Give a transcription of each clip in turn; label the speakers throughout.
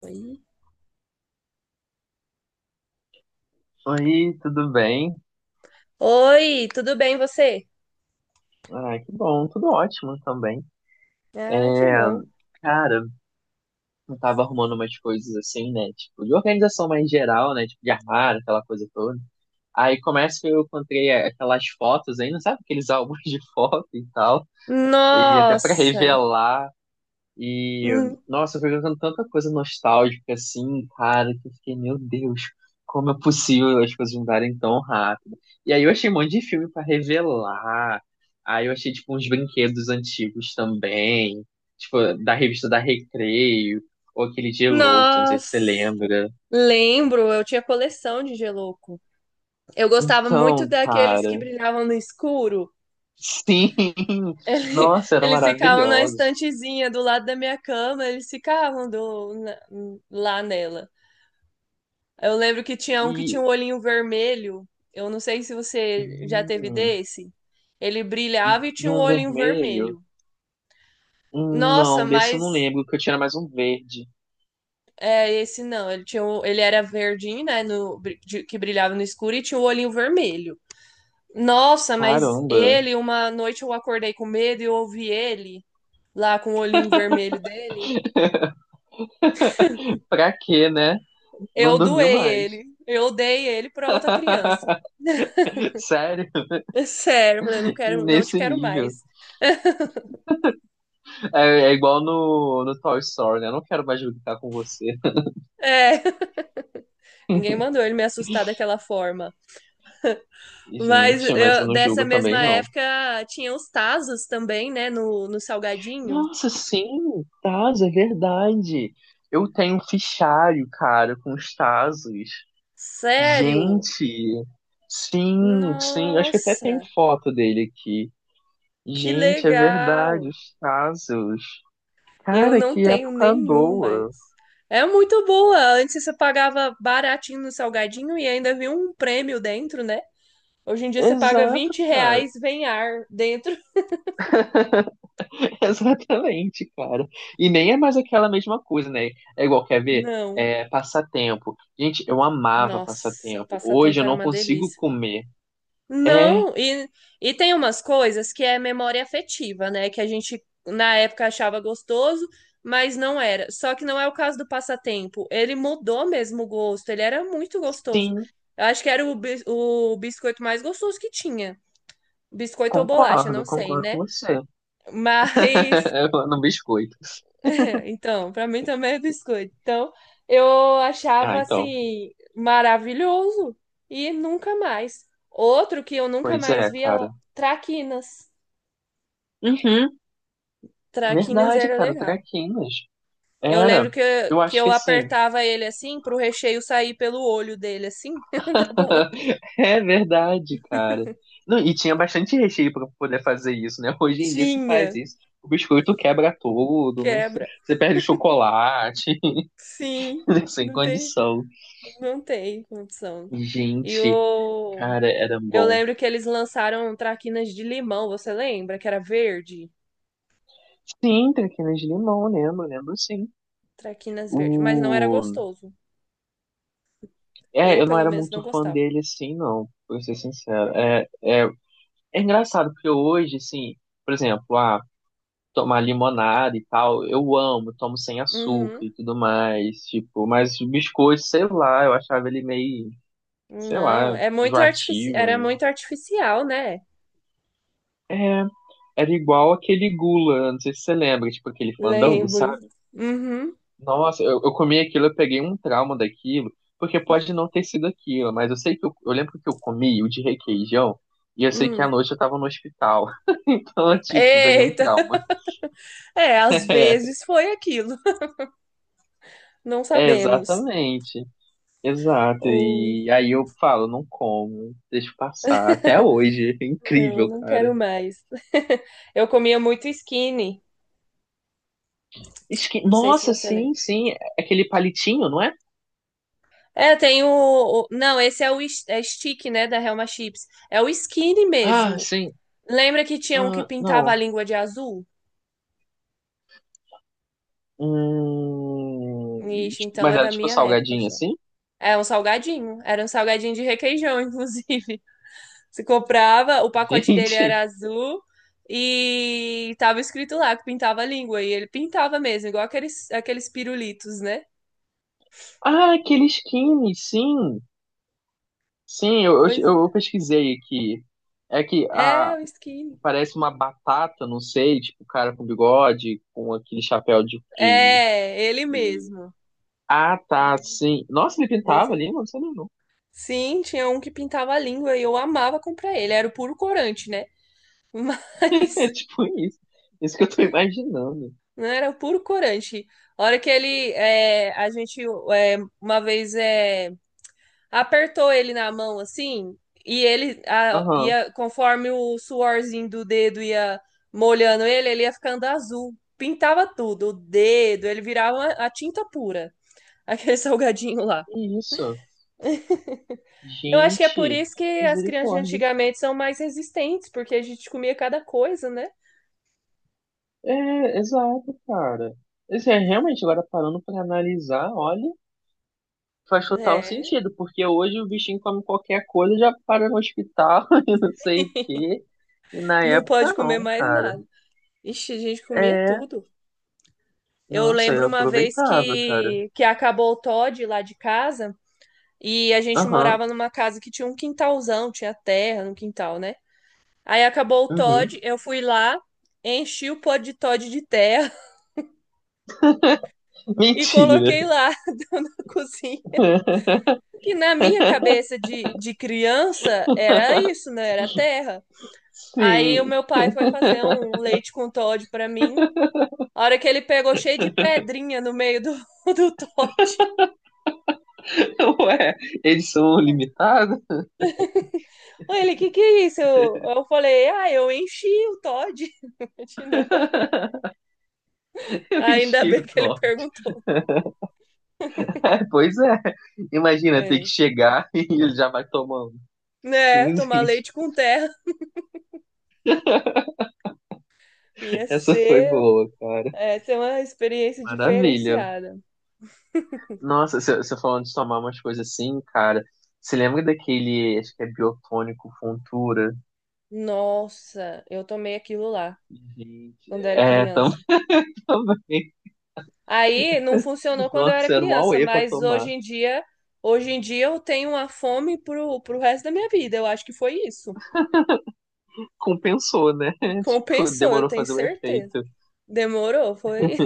Speaker 1: Oi.
Speaker 2: Oi, tudo bem?
Speaker 1: Oi, tudo bem você?
Speaker 2: Ah, que bom, tudo ótimo também.
Speaker 1: Ah, que
Speaker 2: É,
Speaker 1: bom.
Speaker 2: cara, eu tava arrumando umas coisas assim, né? Tipo, de organização mais geral, né? Tipo, de armário, aquela coisa toda. Aí começa que eu encontrei aquelas fotos ainda, sabe? Aqueles álbuns de foto e tal. E até pra
Speaker 1: Nossa,
Speaker 2: revelar. E,
Speaker 1: hum,
Speaker 2: nossa, foi jogando tanta coisa nostálgica assim, cara, que eu fiquei, meu Deus, como é possível as coisas mudarem tão rápido? E aí eu achei um monte de filme pra revelar. Aí eu achei, tipo, uns brinquedos antigos também, tipo, da revista da Recreio, ou aquele dia Loucos, não sei
Speaker 1: nossa.
Speaker 2: se você lembra.
Speaker 1: Lembro, eu tinha coleção de geloco. Eu gostava muito
Speaker 2: Então,
Speaker 1: daqueles que
Speaker 2: cara,
Speaker 1: brilhavam no escuro.
Speaker 2: sim,
Speaker 1: Ele-
Speaker 2: nossa, eram
Speaker 1: Eles ficavam na
Speaker 2: maravilhosos.
Speaker 1: estantezinha do lado da minha cama, eles ficavam do- na- lá nela. Eu lembro que tinha
Speaker 2: E,
Speaker 1: um olhinho vermelho. Eu não sei se você já teve
Speaker 2: hum,
Speaker 1: desse. Ele brilhava e
Speaker 2: de
Speaker 1: tinha um
Speaker 2: um
Speaker 1: olhinho
Speaker 2: vermelho.
Speaker 1: vermelho. Nossa,
Speaker 2: Não, desse eu não
Speaker 1: mas
Speaker 2: lembro, que eu tinha mais um verde.
Speaker 1: É, esse não. Ele era verdinho, né? Que brilhava no escuro e tinha o olhinho vermelho. Nossa, mas
Speaker 2: Caramba.
Speaker 1: ele, uma noite eu acordei com medo e eu ouvi ele lá com o olhinho vermelho dele.
Speaker 2: Pra quê, né? Não
Speaker 1: Eu
Speaker 2: dormiu
Speaker 1: doei
Speaker 2: mais.
Speaker 1: ele. Eu dei ele pra outra criança.
Speaker 2: Sério,
Speaker 1: Sério, eu falei, não quero, não te
Speaker 2: nesse
Speaker 1: quero
Speaker 2: nível.
Speaker 1: mais.
Speaker 2: É, é igual no Toy Story, né? Eu não quero mais julgar com você.
Speaker 1: É, ninguém mandou ele me assustar daquela forma.
Speaker 2: Gente, mas eu não
Speaker 1: Dessa
Speaker 2: julgo também,
Speaker 1: mesma
Speaker 2: não.
Speaker 1: época tinha os Tazos também, né? No salgadinho.
Speaker 2: Nossa, sim, Tazo, é verdade. Eu tenho um fichário, cara, com os Tazos.
Speaker 1: Sério?
Speaker 2: Gente, sim, sim. Acho que até tem
Speaker 1: Nossa.
Speaker 2: foto dele aqui.
Speaker 1: Que
Speaker 2: Gente, é verdade,
Speaker 1: legal!
Speaker 2: os Tazos.
Speaker 1: Eu
Speaker 2: Cara,
Speaker 1: não
Speaker 2: que
Speaker 1: tenho
Speaker 2: época
Speaker 1: nenhum,
Speaker 2: boa.
Speaker 1: mas é muito boa. Antes você pagava baratinho no salgadinho e ainda vinha um prêmio dentro, né? Hoje em dia você paga
Speaker 2: Exato,
Speaker 1: 20
Speaker 2: cara.
Speaker 1: reais, vem ar dentro.
Speaker 2: Exatamente, cara. E nem é mais aquela mesma coisa, né? É igual, quer ver?
Speaker 1: Não.
Speaker 2: É, passatempo. Gente, eu amava
Speaker 1: Nossa,
Speaker 2: passatempo. Hoje
Speaker 1: passatempo
Speaker 2: eu
Speaker 1: era
Speaker 2: não
Speaker 1: uma
Speaker 2: consigo
Speaker 1: delícia.
Speaker 2: comer. É,
Speaker 1: Não, e tem umas coisas que é memória afetiva, né? Que a gente na época achava gostoso, mas não era. Só que não é o caso do passatempo. Ele mudou mesmo o gosto, ele era muito gostoso.
Speaker 2: sim,
Speaker 1: Eu acho que era o biscoito mais gostoso que tinha. Biscoito ou bolacha, não
Speaker 2: concordo,
Speaker 1: sei,
Speaker 2: concordo com
Speaker 1: né?
Speaker 2: você.
Speaker 1: Mas,
Speaker 2: Eu no biscoito.
Speaker 1: então, pra mim também é biscoito. Então, eu
Speaker 2: Ah,
Speaker 1: achava
Speaker 2: então.
Speaker 1: assim, maravilhoso. E nunca mais. Outro que eu nunca
Speaker 2: Pois
Speaker 1: mais
Speaker 2: é,
Speaker 1: via,
Speaker 2: cara.
Speaker 1: traquinas.
Speaker 2: Uhum,
Speaker 1: Traquinas
Speaker 2: verdade,
Speaker 1: era
Speaker 2: cara, o
Speaker 1: legal.
Speaker 2: Traquinas.
Speaker 1: Eu
Speaker 2: Era.
Speaker 1: lembro que,
Speaker 2: Eu
Speaker 1: que
Speaker 2: acho que
Speaker 1: eu
Speaker 2: assim.
Speaker 1: apertava ele assim pro recheio sair pelo olho dele, assim, da
Speaker 2: É verdade, cara. Não, e tinha bastante recheio pra poder fazer isso, né? Hoje em dia você
Speaker 1: bolatinha.
Speaker 2: faz isso. O biscoito quebra tudo, não sei-
Speaker 1: Quebra.
Speaker 2: você perde o chocolate,
Speaker 1: Sim,
Speaker 2: sem
Speaker 1: não tem,
Speaker 2: condição.
Speaker 1: não tem condição. E
Speaker 2: Gente,
Speaker 1: o.
Speaker 2: cara, era
Speaker 1: Eu
Speaker 2: bom.
Speaker 1: lembro que eles lançaram traquinas de limão, você lembra? Que era verde?
Speaker 2: Sim, traquinas de limão, lembro, lembro sim.
Speaker 1: Traquinas verde. Mas não era
Speaker 2: O...
Speaker 1: gostoso. Eu,
Speaker 2: É, eu não
Speaker 1: pelo
Speaker 2: era
Speaker 1: menos,
Speaker 2: muito
Speaker 1: não
Speaker 2: fã
Speaker 1: gostava.
Speaker 2: dele assim, não, pra ser sincero. É, é engraçado, porque hoje, assim, por exemplo, ah, tomar limonada e tal. Eu amo, tomo sem açúcar
Speaker 1: Uhum.
Speaker 2: e tudo mais, tipo, mas o biscoito, sei lá, eu achava ele meio, sei
Speaker 1: Não,
Speaker 2: lá,
Speaker 1: é muito era
Speaker 2: enjoativo.
Speaker 1: muito artificial, né?
Speaker 2: É, era igual aquele gula, não sei se você lembra, tipo aquele fandango,
Speaker 1: Lembro.
Speaker 2: sabe?
Speaker 1: Uhum.
Speaker 2: Nossa, eu comi aquilo, eu peguei um trauma daquilo, porque pode não ter sido aquilo, mas eu sei que eu lembro que eu comi o de requeijão. E eu sei que à
Speaker 1: Hum.
Speaker 2: noite eu tava no hospital. Então, tipo, peguei um
Speaker 1: Eita!
Speaker 2: trauma.
Speaker 1: É, às vezes foi aquilo. Não
Speaker 2: É,
Speaker 1: sabemos.
Speaker 2: exatamente. Exato,
Speaker 1: Ou,
Speaker 2: e aí eu falo, não como, deixo passar, até hoje, é
Speaker 1: não,
Speaker 2: incrível,
Speaker 1: não
Speaker 2: cara.
Speaker 1: quero mais. Eu comia muito skinny.
Speaker 2: Isso que,
Speaker 1: Não sei se
Speaker 2: nossa,
Speaker 1: você
Speaker 2: sim,
Speaker 1: lembra.
Speaker 2: sim, é aquele palitinho, não é?
Speaker 1: Não, esse é o is- é stick, né, da Helma Chips. É o skinny
Speaker 2: Ah,
Speaker 1: mesmo.
Speaker 2: sim,
Speaker 1: Lembra que tinha um que
Speaker 2: ah,
Speaker 1: pintava a
Speaker 2: não,
Speaker 1: língua de azul?
Speaker 2: hum,
Speaker 1: Ixi,
Speaker 2: tipo,
Speaker 1: então
Speaker 2: mas
Speaker 1: é
Speaker 2: era
Speaker 1: da
Speaker 2: tipo
Speaker 1: minha época
Speaker 2: salgadinho,
Speaker 1: só.
Speaker 2: assim?
Speaker 1: É um salgadinho. Era um salgadinho de requeijão, inclusive. Você comprava, o pacote dele
Speaker 2: Gente,
Speaker 1: era azul e tava escrito lá que pintava a língua. E ele pintava mesmo, igual aqueles pirulitos, né?
Speaker 2: ah, aquele skinny, sim, sim, eu,
Speaker 1: Pois
Speaker 2: eu,
Speaker 1: é.
Speaker 2: eu pesquisei aqui, é que a,
Speaker 1: É, o skin.
Speaker 2: parece uma batata, não sei, tipo, o cara com bigode, com aquele chapéu de,
Speaker 1: É, ele
Speaker 2: de
Speaker 1: mesmo.
Speaker 2: Ah, tá, sim. Nossa, ele
Speaker 1: Desse
Speaker 2: pintava ali,
Speaker 1: aí.
Speaker 2: mano, você não. Não.
Speaker 1: Sim, tinha um que pintava a língua e eu amava comprar ele. Era o puro corante, né?
Speaker 2: É
Speaker 1: Mas
Speaker 2: tipo isso. Isso que eu tô imaginando.
Speaker 1: não era o puro corante. A hora que ele. É, a gente. É, uma vez. É, apertou ele na mão assim, e
Speaker 2: Aham.
Speaker 1: ia, conforme o suorzinho do dedo ia molhando ele, ele ia ficando azul. Pintava tudo, o dedo, a tinta pura, aquele salgadinho lá.
Speaker 2: Isso.
Speaker 1: Eu acho que é por
Speaker 2: Gente,
Speaker 1: isso que as crianças de
Speaker 2: misericórdia.
Speaker 1: antigamente são mais resistentes, porque a gente comia cada coisa, né?
Speaker 2: É, exato, cara. Esse é realmente, agora parando pra analisar, olha, faz total
Speaker 1: É,
Speaker 2: sentido, porque hoje o bichinho come qualquer coisa, já para no hospital e não sei o quê. E na
Speaker 1: não pode
Speaker 2: época
Speaker 1: comer
Speaker 2: não,
Speaker 1: mais
Speaker 2: cara.
Speaker 1: nada. Ixi, a gente comia
Speaker 2: É,
Speaker 1: tudo. Eu
Speaker 2: nossa,
Speaker 1: lembro
Speaker 2: eu
Speaker 1: uma vez
Speaker 2: aproveitava, cara.
Speaker 1: que acabou o Toddy lá de casa. E a gente
Speaker 2: Aham,
Speaker 1: morava numa casa que tinha um quintalzão, tinha terra no quintal, né? Aí acabou o
Speaker 2: uhum.
Speaker 1: Todd, eu fui lá, enchi o pó de Todd de terra e
Speaker 2: Mentira.
Speaker 1: coloquei lá na cozinha. Que na minha cabeça de criança era isso, né? Era terra. Aí o
Speaker 2: Sim,
Speaker 1: meu pai foi fazer um leite com Todd pra mim. A hora que ele pegou cheio de pedrinha no meio do, do Todd.
Speaker 2: ué, eles são limitados?
Speaker 1: Aí ele, que é isso? Eu falei, ah, eu enchi o Todd de novo.
Speaker 2: Eu
Speaker 1: Ainda
Speaker 2: enchi
Speaker 1: bem
Speaker 2: o
Speaker 1: que ele
Speaker 2: copo.
Speaker 1: perguntou.
Speaker 2: É, pois é. Imagina, ter que
Speaker 1: É.
Speaker 2: chegar e ele já vai tomando.
Speaker 1: Né,
Speaker 2: Cruzes.
Speaker 1: tomar leite com terra ia
Speaker 2: Essa foi
Speaker 1: ser,
Speaker 2: boa, cara.
Speaker 1: é, ser uma experiência
Speaker 2: Maravilha.
Speaker 1: diferenciada.
Speaker 2: Nossa, você falando de tomar umas coisas assim, cara. Você lembra daquele, acho que é biotônico Fontura?
Speaker 1: Nossa, eu tomei aquilo lá
Speaker 2: Gente,
Speaker 1: quando eu era
Speaker 2: é,
Speaker 1: criança.
Speaker 2: também.
Speaker 1: Aí não funcionou quando eu era
Speaker 2: Nossa, era um
Speaker 1: criança,
Speaker 2: auê pra
Speaker 1: mas
Speaker 2: tomar.
Speaker 1: hoje em dia eu tenho uma fome pro resto da minha vida. Eu acho que foi isso.
Speaker 2: Compensou, né? Tipo,
Speaker 1: Compensou, eu
Speaker 2: demorou
Speaker 1: tenho
Speaker 2: fazer o
Speaker 1: certeza.
Speaker 2: efeito.
Speaker 1: Demorou, foi.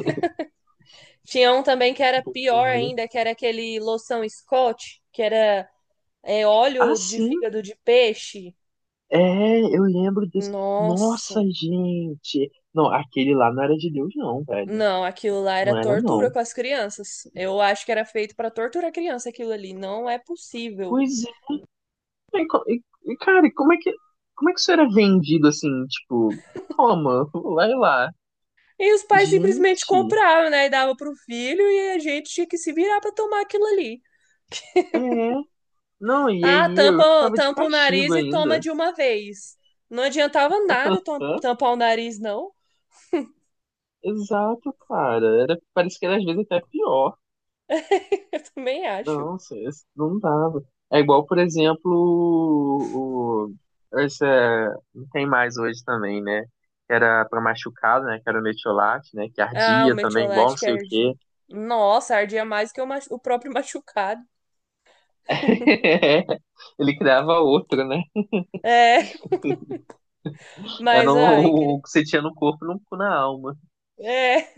Speaker 1: Tinha um também que era
Speaker 2: Porque,
Speaker 1: pior
Speaker 2: olha.
Speaker 1: ainda, que era aquele loção Scott, que era
Speaker 2: Ah,
Speaker 1: óleo de
Speaker 2: sim!
Speaker 1: fígado de peixe.
Speaker 2: É, eu lembro desse. Nossa,
Speaker 1: Nossa.
Speaker 2: gente! Não, aquele lá não era de Deus, não, velho.
Speaker 1: Não, aquilo lá era
Speaker 2: Não era,
Speaker 1: tortura
Speaker 2: não.
Speaker 1: com as crianças. Eu acho que era feito para torturar a criança aquilo ali. Não é possível.
Speaker 2: Pois é. E, co- e- cara, como é que isso era vendido assim? Tipo, toma, vai lá.
Speaker 1: E os pais simplesmente
Speaker 2: Gente,
Speaker 1: compravam, né? E dava pro filho e a gente tinha que se virar para tomar aquilo ali.
Speaker 2: é. Não, e
Speaker 1: Ah,
Speaker 2: aí eu
Speaker 1: tampa,
Speaker 2: ficava de
Speaker 1: tampa o
Speaker 2: castigo
Speaker 1: nariz e toma
Speaker 2: ainda.
Speaker 1: de uma vez. Não adiantava nada
Speaker 2: Hã?
Speaker 1: tampar o nariz, não.
Speaker 2: Exato, cara. Era, parece que era às vezes até pior.
Speaker 1: Eu também acho.
Speaker 2: Nossa, esse não dava. É igual, por exemplo, esse não tem mais hoje também, né? Que era pra machucado, né? Que era o metiolate, né? Que
Speaker 1: Ah, o
Speaker 2: ardia também, igual não
Speaker 1: metiolate que
Speaker 2: sei o quê.
Speaker 1: ardia. Nossa, ardia mais que o próprio machucado.
Speaker 2: Ele criava outro, né?
Speaker 1: É,
Speaker 2: Era
Speaker 1: mas
Speaker 2: um,
Speaker 1: aí,
Speaker 2: o,
Speaker 1: queria.
Speaker 2: o que você tinha no corpo, no, na alma.
Speaker 1: É.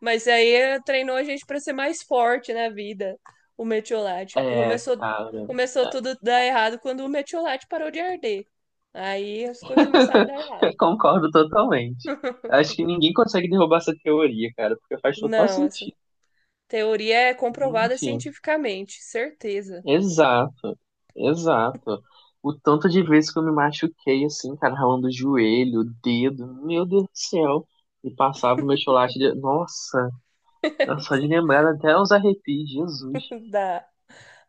Speaker 1: Mas aí treinou a gente para ser mais forte na vida, o metiolate.
Speaker 2: É,
Speaker 1: Começou,
Speaker 2: cara,
Speaker 1: começou tudo a dar errado quando o metiolate parou de arder. Aí as coisas começaram a dar errado.
Speaker 2: concordo totalmente. Acho que ninguém consegue derrubar essa teoria, cara, porque faz total
Speaker 1: Não, essa
Speaker 2: sentido.
Speaker 1: teoria é comprovada
Speaker 2: Gente.
Speaker 1: cientificamente, certeza.
Speaker 2: Exato, exato. O tanto de vezes que eu me machuquei, assim, cara, ralando o joelho, o dedo, meu Deus do céu. E passava o meu chocolate, de... nossa, só de lembrar até os arrepios, Jesus.
Speaker 1: Dá.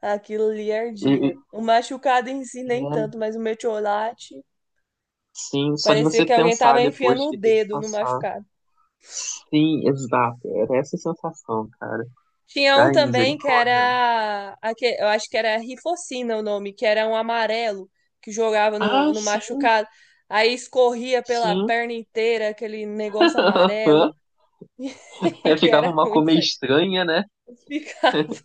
Speaker 1: Aquilo ali
Speaker 2: E-
Speaker 1: ardia.
Speaker 2: e-
Speaker 1: O machucado em si nem
Speaker 2: é,
Speaker 1: tanto, mas o metiolate
Speaker 2: sim, só de
Speaker 1: parecia
Speaker 2: você
Speaker 1: que alguém
Speaker 2: pensar
Speaker 1: tava enfiando
Speaker 2: depois
Speaker 1: o
Speaker 2: que tem que
Speaker 1: dedo no
Speaker 2: passar.
Speaker 1: machucado.
Speaker 2: Sim, exato, era essa a sensação, cara.
Speaker 1: Tinha um
Speaker 2: Ai,
Speaker 1: também que
Speaker 2: misericórdia.
Speaker 1: era, eu acho que era Rifocina o nome, que era um amarelo que jogava
Speaker 2: Ah,
Speaker 1: no
Speaker 2: sim,
Speaker 1: machucado. Aí escorria pela
Speaker 2: sim.
Speaker 1: perna inteira aquele negócio amarelo.
Speaker 2: É,
Speaker 1: E
Speaker 2: ficava
Speaker 1: era
Speaker 2: uma
Speaker 1: ruim
Speaker 2: cor
Speaker 1: isso
Speaker 2: meio
Speaker 1: aí.
Speaker 2: estranha, né?
Speaker 1: Ficava,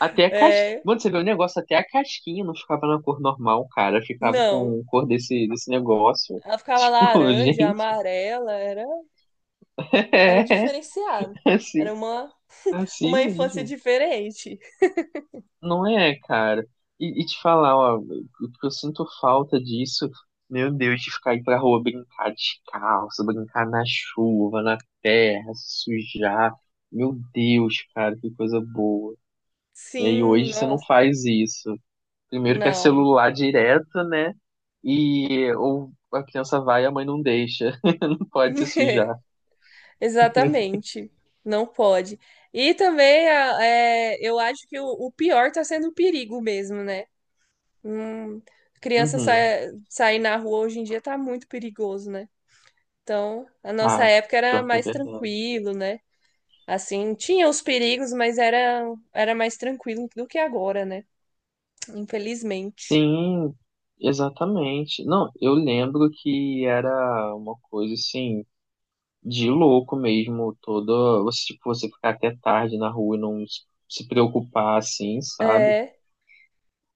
Speaker 2: Até a cas
Speaker 1: é,
Speaker 2: Mano, você vê o negócio, até a casquinha não ficava na cor normal, cara. Ficava
Speaker 1: não.
Speaker 2: com cor desse negócio.
Speaker 1: Ela ficava
Speaker 2: Tipo,
Speaker 1: laranja,
Speaker 2: gente.
Speaker 1: amarela, era
Speaker 2: É,
Speaker 1: diferenciado.
Speaker 2: é
Speaker 1: Era
Speaker 2: assim,
Speaker 1: uma,
Speaker 2: é assim
Speaker 1: uma infância
Speaker 2: mesmo.
Speaker 1: diferente.
Speaker 2: Não é, cara. E te falar, ó, o que eu sinto falta disso, meu Deus, de ficar aí pra rua brincar descalço, brincar na chuva, na terra, se sujar. Meu Deus, cara, que coisa boa. E aí
Speaker 1: Sim,
Speaker 2: hoje você não
Speaker 1: nossa,
Speaker 2: faz isso. Primeiro que é
Speaker 1: não.
Speaker 2: celular direto, né? E ou a criança vai e a mãe não deixa. Não pode se sujar.
Speaker 1: Exatamente. Não pode. E também é, eu acho que o pior tá sendo o perigo mesmo, né? Hum, criança sa
Speaker 2: Uhum.
Speaker 1: sair na rua hoje em dia tá muito perigoso, né? Então, a nossa
Speaker 2: Ah,
Speaker 1: época era
Speaker 2: pior que é
Speaker 1: mais
Speaker 2: verdade.
Speaker 1: tranquilo, né? Assim, tinha os perigos, era mais tranquilo do que agora, né? Infelizmente.
Speaker 2: Sim, exatamente. Não, eu lembro que era uma coisa assim, de louco mesmo, toda. Você, tipo, você ficar até tarde na rua e não se preocupar, assim, sabe?
Speaker 1: É,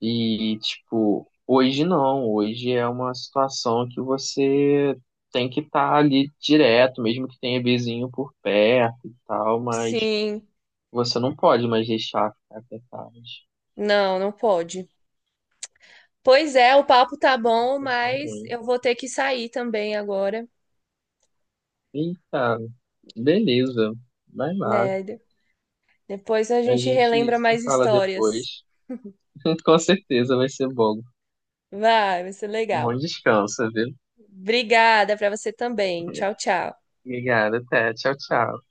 Speaker 2: E, tipo, hoje não. Hoje é uma situação que você tem que estar ali direto, mesmo que tenha vizinho por perto e tal, mas
Speaker 1: sim.
Speaker 2: você não pode mais deixar ficar até tarde.
Speaker 1: Não, não pode. Pois é, o papo tá bom,
Speaker 2: Isso é só
Speaker 1: mas
Speaker 2: ruim.
Speaker 1: eu vou ter que sair também agora,
Speaker 2: E, cara, beleza. Vai lá.
Speaker 1: né? Depois a
Speaker 2: A
Speaker 1: gente
Speaker 2: gente
Speaker 1: relembra
Speaker 2: se
Speaker 1: mais
Speaker 2: fala
Speaker 1: histórias.
Speaker 2: depois. Com certeza vai ser bom.
Speaker 1: Vai ser
Speaker 2: Um bom
Speaker 1: legal.
Speaker 2: descanso, viu?
Speaker 1: Obrigada para você também. Tchau, tchau.
Speaker 2: Obrigado, até. Tchau, tchau.